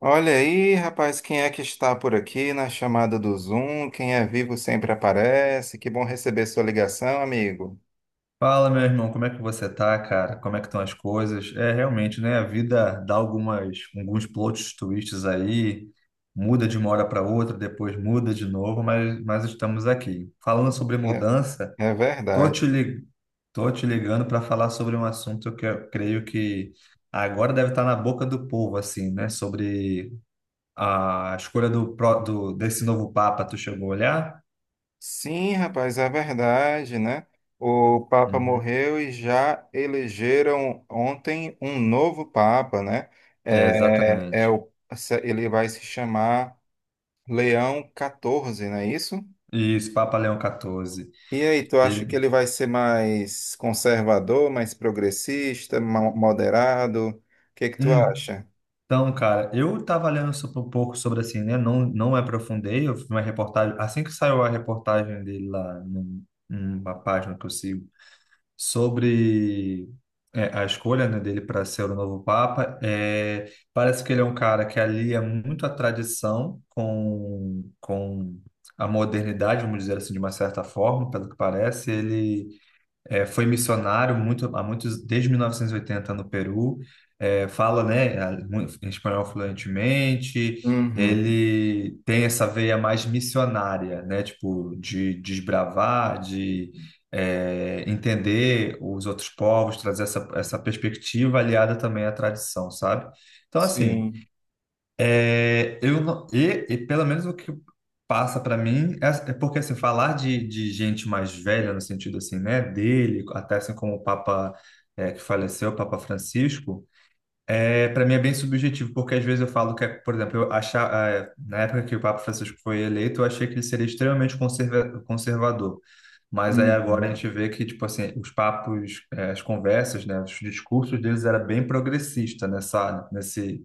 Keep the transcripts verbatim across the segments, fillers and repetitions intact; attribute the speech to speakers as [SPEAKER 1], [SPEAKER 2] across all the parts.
[SPEAKER 1] Olha aí, rapaz, quem é que está por aqui na chamada do Zoom? Quem é vivo sempre aparece. Que bom receber sua ligação, amigo.
[SPEAKER 2] Fala, meu irmão, como é que você tá, cara? Como é que estão as coisas? É, realmente, né? A vida dá algumas, alguns plot twists aí, muda de uma hora para outra, depois muda de novo, mas, mas estamos aqui. Falando sobre
[SPEAKER 1] É,
[SPEAKER 2] mudança,
[SPEAKER 1] é
[SPEAKER 2] tô te,
[SPEAKER 1] verdade.
[SPEAKER 2] li- tô te ligando para falar sobre um assunto que eu creio que agora deve estar na boca do povo, assim, né? Sobre a escolha do, pró- do desse novo Papa, tu chegou a olhar?
[SPEAKER 1] Sim, rapaz, é verdade, né? O Papa
[SPEAKER 2] Uhum.
[SPEAKER 1] morreu e já elegeram ontem um novo Papa, né?
[SPEAKER 2] É,
[SPEAKER 1] É, é
[SPEAKER 2] exatamente.
[SPEAKER 1] o, Ele vai se chamar Leão catorze, não é isso?
[SPEAKER 2] Isso, Papa Leão quatorze.
[SPEAKER 1] E aí, tu acha que ele
[SPEAKER 2] Ele,
[SPEAKER 1] vai ser mais conservador, mais progressista, mo- moderado? O que que tu acha?
[SPEAKER 2] Então, cara, eu tava lendo sobre- um pouco sobre assim, né? Não, não me aprofundei. Eu fiz uma reportagem, assim que saiu a reportagem dele lá num- numa página que eu sigo, sobre é, a escolha, né, dele para ser o novo Papa. É, parece que ele é um cara que alia muito a tradição com, com a modernidade, vamos dizer assim, de uma certa forma, pelo que parece. Ele é, foi missionário muito, há muitos, desde mil novecentos e oitenta no Peru. É, fala, né, a- mu- espanhol fluentemente.
[SPEAKER 1] Uhum.
[SPEAKER 2] Ele tem essa veia mais missionária, né, tipo de desbravar, de é, entender os outros povos, trazer essa, essa perspectiva aliada também à tradição, sabe? Então, assim,
[SPEAKER 1] Sim.
[SPEAKER 2] é, eu não- e, e pelo menos o que passa para mim é, é porque assim, falar de, de gente mais velha no sentido assim, né, dele, até assim como o Papa é, que faleceu, o Papa Francisco, é para mim é bem subjetivo, porque às vezes eu falo que, é, por exemplo, eu achar, é, na época que o Papa Francisco foi eleito, eu achei que ele seria extremamente conserva, conservador, mas aí agora a
[SPEAKER 1] Uhum.
[SPEAKER 2] gente vê que tipo assim, os papos, é, as conversas, né, os discursos deles era bem progressista nessa nesse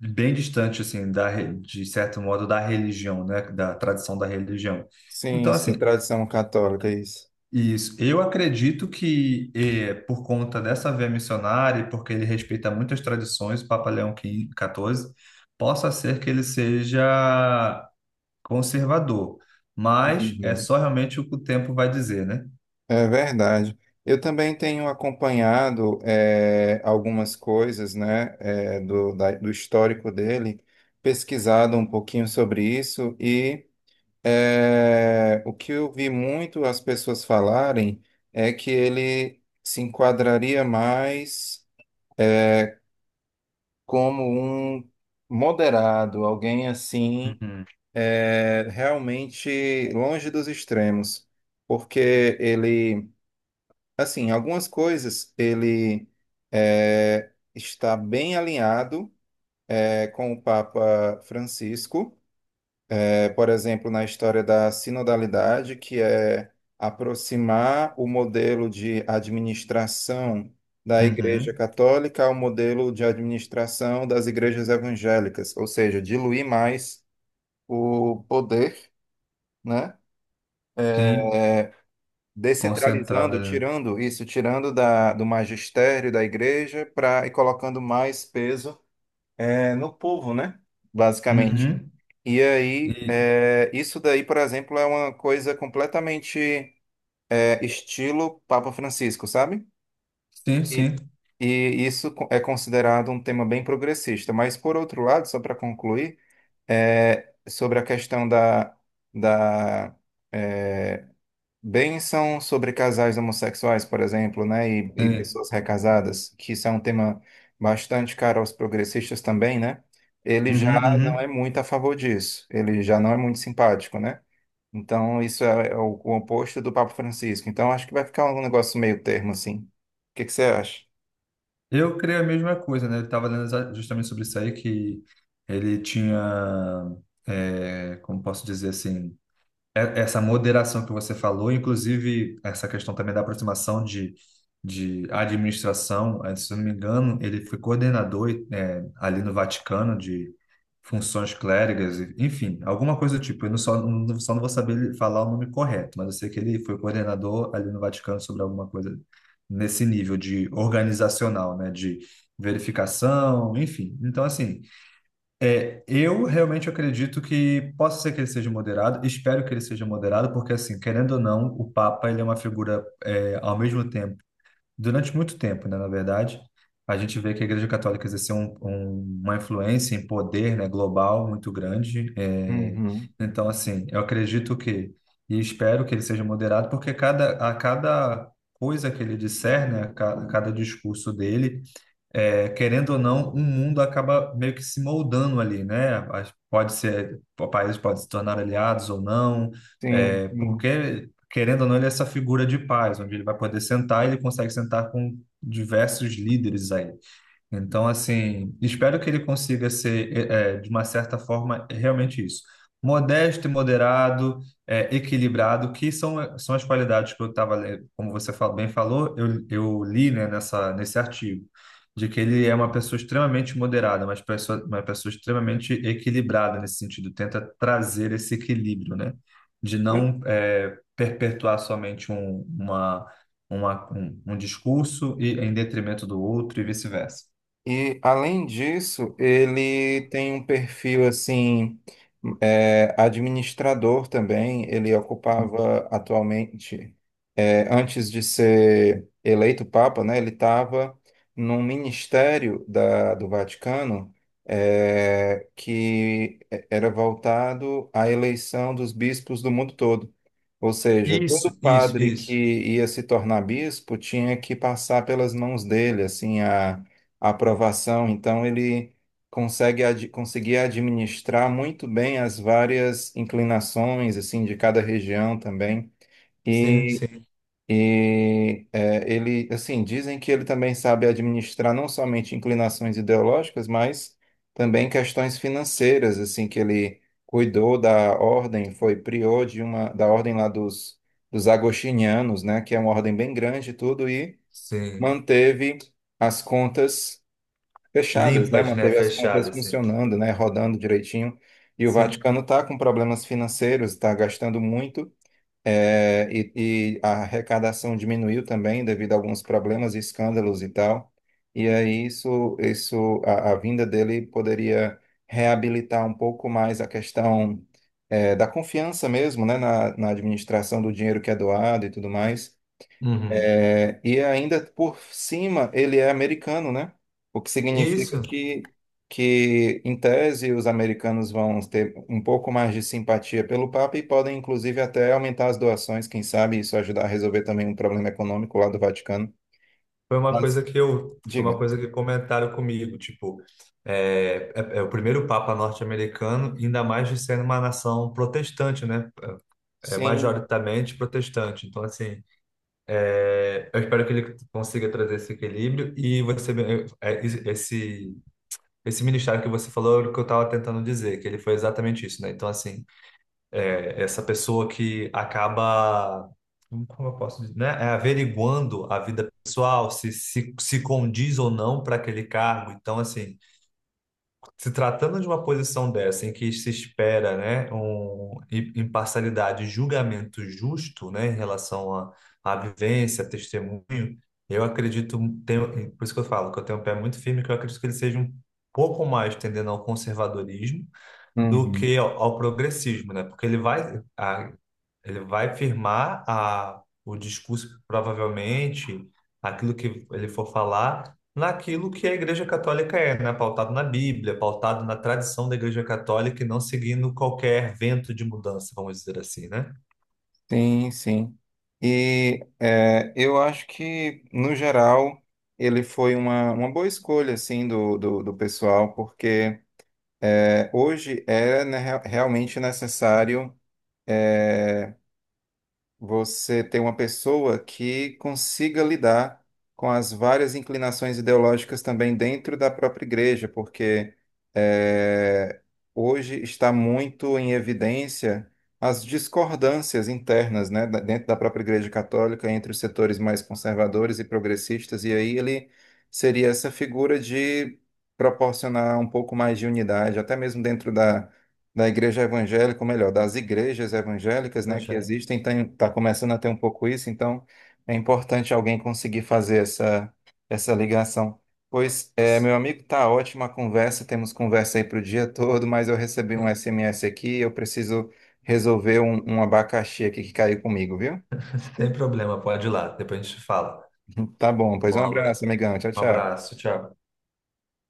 [SPEAKER 2] bem distante assim da re- de certo modo da religião, né, da tradição da religião.
[SPEAKER 1] Sim,
[SPEAKER 2] Então
[SPEAKER 1] isso da
[SPEAKER 2] assim,
[SPEAKER 1] tradição católica, isso.
[SPEAKER 2] isso. Eu acredito que eh, por conta dessa veia missionária, e porque ele respeita muitas tradições, Papa Leão quinze, quatorze, possa ser que ele seja conservador, mas é
[SPEAKER 1] Uhum.
[SPEAKER 2] só realmente o que o tempo vai dizer, né?
[SPEAKER 1] É verdade. Eu também tenho acompanhado eh, algumas coisas, né, eh, do, da- do histórico dele, pesquisado um pouquinho sobre isso. É, o que eu vi muito as pessoas falarem é que ele se enquadraria mais como um moderado, alguém assim,
[SPEAKER 2] Uhum.
[SPEAKER 1] é, realmente longe dos extremos, porque ele, assim, algumas coisas ele é, está bem alinhado, é, com o Papa Francisco. É, por exemplo, na história da sinodalidade, que é aproximar o modelo de administração da Igreja
[SPEAKER 2] Uhum,
[SPEAKER 1] Católica ao modelo de administração das igrejas evangélicas, ou seja, diluir mais o poder, né?
[SPEAKER 2] sim, concentrada,
[SPEAKER 1] Descentralizando,
[SPEAKER 2] né?
[SPEAKER 1] tirando isso, tirando da, do magistério da igreja pra, e colocando mais peso, é, no povo, né? Basicamente.
[SPEAKER 2] Uhum.
[SPEAKER 1] E aí,
[SPEAKER 2] E
[SPEAKER 1] é, isso daí, por exemplo, é uma coisa completamente, é, estilo Papa Francisco, sabe?
[SPEAKER 2] sim,
[SPEAKER 1] E,
[SPEAKER 2] sim,
[SPEAKER 1] e isso co- é considerado um tema bem progressista. Mas, por outro lado, só para concluir, é, sobre a questão da, da é, bênção sobre casais homossexuais, por exemplo, né, e, e
[SPEAKER 2] sim.
[SPEAKER 1] pessoas recasadas, que isso é um tema bastante caro aos progressistas também, né? Ele já
[SPEAKER 2] Uhum,
[SPEAKER 1] não é
[SPEAKER 2] uhum.
[SPEAKER 1] muito a favor disso, ele já não é muito simpático, né? Então, isso é, é o, o oposto do Papa Francisco. Então, acho que vai ficar um negócio meio termo, assim. O que que você acha?
[SPEAKER 2] Eu creio a mesma coisa, né? Ele estava lendo exa- justamente sobre isso aí, que ele tinha, é, como posso dizer assim, é- essa moderação que você falou, inclusive essa questão também da aproximação de, de administração, eh, se eu não me engano, ele foi coordenador eh, ali no Vaticano de funções clérigas, e- enfim, alguma coisa do tipo. Eu não só, não- só não vou saber falar o nome correto, mas eu sei que ele foi coordenador ali no Vaticano sobre alguma coisa nesse nível de organizacional, né, de verificação, enfim. Então, assim eu realmente acredito que possa ser que ele seja moderado, espero que ele seja moderado, porque assim, querendo ou não, o Papa ele é uma figura é, ao mesmo tempo, durante muito tempo, né, na verdade, a gente vê que a Igreja Católica exerceu um- um- uma influência em poder, né, global muito grande. É,
[SPEAKER 1] Uhum.
[SPEAKER 2] então, assim, eu acredito que e espero que ele seja moderado, porque cada a cada coisa que ele disser, né, a ca- a cada discurso dele é, querendo ou não, um mundo acaba meio que se moldando ali, né? As- Pode ser, o país pode se tornar aliados ou não,
[SPEAKER 1] Sim,
[SPEAKER 2] é,
[SPEAKER 1] sim.
[SPEAKER 2] porque, querendo ou não, ele é essa figura de paz, onde ele vai poder sentar e ele consegue sentar com diversos líderes aí. Então, assim, espero que ele consiga ser, eh, eh, de uma certa forma, realmente isso. Modesto e moderado, eh, equilibrado, que são, são as qualidades que eu estava, como você fa- bem falou, eu, eu li, né, nessa, nesse artigo, de que ele é uma pessoa extremamente moderada, mas pessoa, uma pessoa extremamente equilibrada nesse sentido, tenta trazer esse equilíbrio, né, de não, eh, perpetuar somente um, uma, uma, um, um discurso e em detrimento do outro e vice-versa.
[SPEAKER 1] E além disso, ele tem um perfil assim, é, administrador também. Ele ocupava atualmente. É, antes de ser eleito Papa, né, ele estava num ministério da, do Vaticano, eh, que é, era voltado à eleição dos bispos do mundo todo. Ou seja, todo
[SPEAKER 2] Isso, isso,
[SPEAKER 1] padre que
[SPEAKER 2] isso.
[SPEAKER 1] ia se tornar bispo tinha que passar pelas mãos dele, assim, a, a aprovação. Então, ele consegue ad, conseguia administrar muito bem as várias inclinações, assim, de cada região também.
[SPEAKER 2] Sim,
[SPEAKER 1] E
[SPEAKER 2] sim,
[SPEAKER 1] e é, ele, assim, dizem que ele também sabe administrar não somente inclinações ideológicas, mas também questões financeiras, assim, que ele cuidou da ordem, foi prior de uma da ordem lá dos, dos agostinianos, né, que é uma ordem bem grande e tudo, e
[SPEAKER 2] sim.
[SPEAKER 1] manteve as contas fechadas, né,
[SPEAKER 2] Limpas, né?
[SPEAKER 1] manteve as contas
[SPEAKER 2] Fechadas, sim.
[SPEAKER 1] funcionando, né, rodando direitinho. E o
[SPEAKER 2] Sim.
[SPEAKER 1] Vaticano está com problemas financeiros, está gastando muito. É, e, e a arrecadação diminuiu também devido a alguns problemas e escândalos e tal. E aí isso, isso a, a vinda dele poderia reabilitar um pouco mais a questão, é, da confiança mesmo, né, na, na administração do dinheiro que é doado e tudo mais.
[SPEAKER 2] Uhum.
[SPEAKER 1] É, e ainda por cima ele é americano, né? O que significa
[SPEAKER 2] Isso
[SPEAKER 1] que, que, em tese, os americanos vão ter um pouco mais de simpatia pelo Papa e podem, inclusive, até aumentar as doações, quem sabe isso ajudar a resolver também um problema econômico lá do Vaticano.
[SPEAKER 2] foi uma coisa
[SPEAKER 1] Mas,
[SPEAKER 2] que eu, foi uma
[SPEAKER 1] diga.
[SPEAKER 2] coisa que comentaram comigo, tipo, é, é, é o primeiro Papa norte-americano, ainda mais de sendo uma nação protestante, né? É
[SPEAKER 1] Sim.
[SPEAKER 2] majoritariamente protestante. Então, assim, é, eu espero que ele consiga trazer esse equilíbrio e você, é, esse, esse ministério que você falou, é o que eu estava tentando dizer, que ele foi exatamente isso, né? Então, assim essa pessoa que acaba, como eu posso dizer, né? É averiguando a vida pessoal, se, se, se condiz ou não para aquele cargo. Então, assim, se tratando de uma posição dessa em que se espera, né, um, im- imparcialidade, e julgamento justo, né, em relação à à vivência, testemunho, eu acredito, tenho, por isso que eu falo que eu tenho um pé muito firme, que eu acredito que ele seja um pouco mais tendendo ao conservadorismo do
[SPEAKER 1] Uhum.
[SPEAKER 2] que ao, ao progressismo, né? Porque ele vai, a- ele vai firmar a, o discurso, provavelmente, aquilo que ele for falar, naquilo que a Igreja Católica é, né? Pautado na Bíblia, pautado na tradição da Igreja Católica e não seguindo qualquer vento de mudança, vamos dizer assim, né?
[SPEAKER 1] Sim, sim. E é, eu acho que, no geral, ele foi uma, uma boa escolha, assim, do, do, do pessoal, porque é, hoje é né, rea- realmente necessário, é, você ter uma pessoa que consiga lidar com as várias inclinações ideológicas também dentro da própria igreja, porque é, hoje está muito em evidência as discordâncias internas, né, da- dentro da própria igreja católica entre os setores mais conservadores e progressistas, e aí ele seria essa figura de proporcionar um pouco mais de unidade, até mesmo dentro da da igreja evangélica, ou melhor, das igrejas evangélicas, né,
[SPEAKER 2] Pois
[SPEAKER 1] que
[SPEAKER 2] é.
[SPEAKER 1] existem, está começando a ter um pouco isso, então é importante alguém conseguir fazer essa, essa ligação. Pois, é, meu amigo, tá ótima a conversa, temos conversa aí para o dia todo, mas eu recebi um S M S aqui, eu preciso resolver um, um abacaxi aqui que caiu comigo, viu?
[SPEAKER 2] Sem problema, pode ir lá, depois a gente fala.
[SPEAKER 1] Tá bom, pois
[SPEAKER 2] Um
[SPEAKER 1] um
[SPEAKER 2] abra-
[SPEAKER 1] abraço, amigão, tchau,
[SPEAKER 2] um
[SPEAKER 1] tchau.
[SPEAKER 2] abraço, tchau.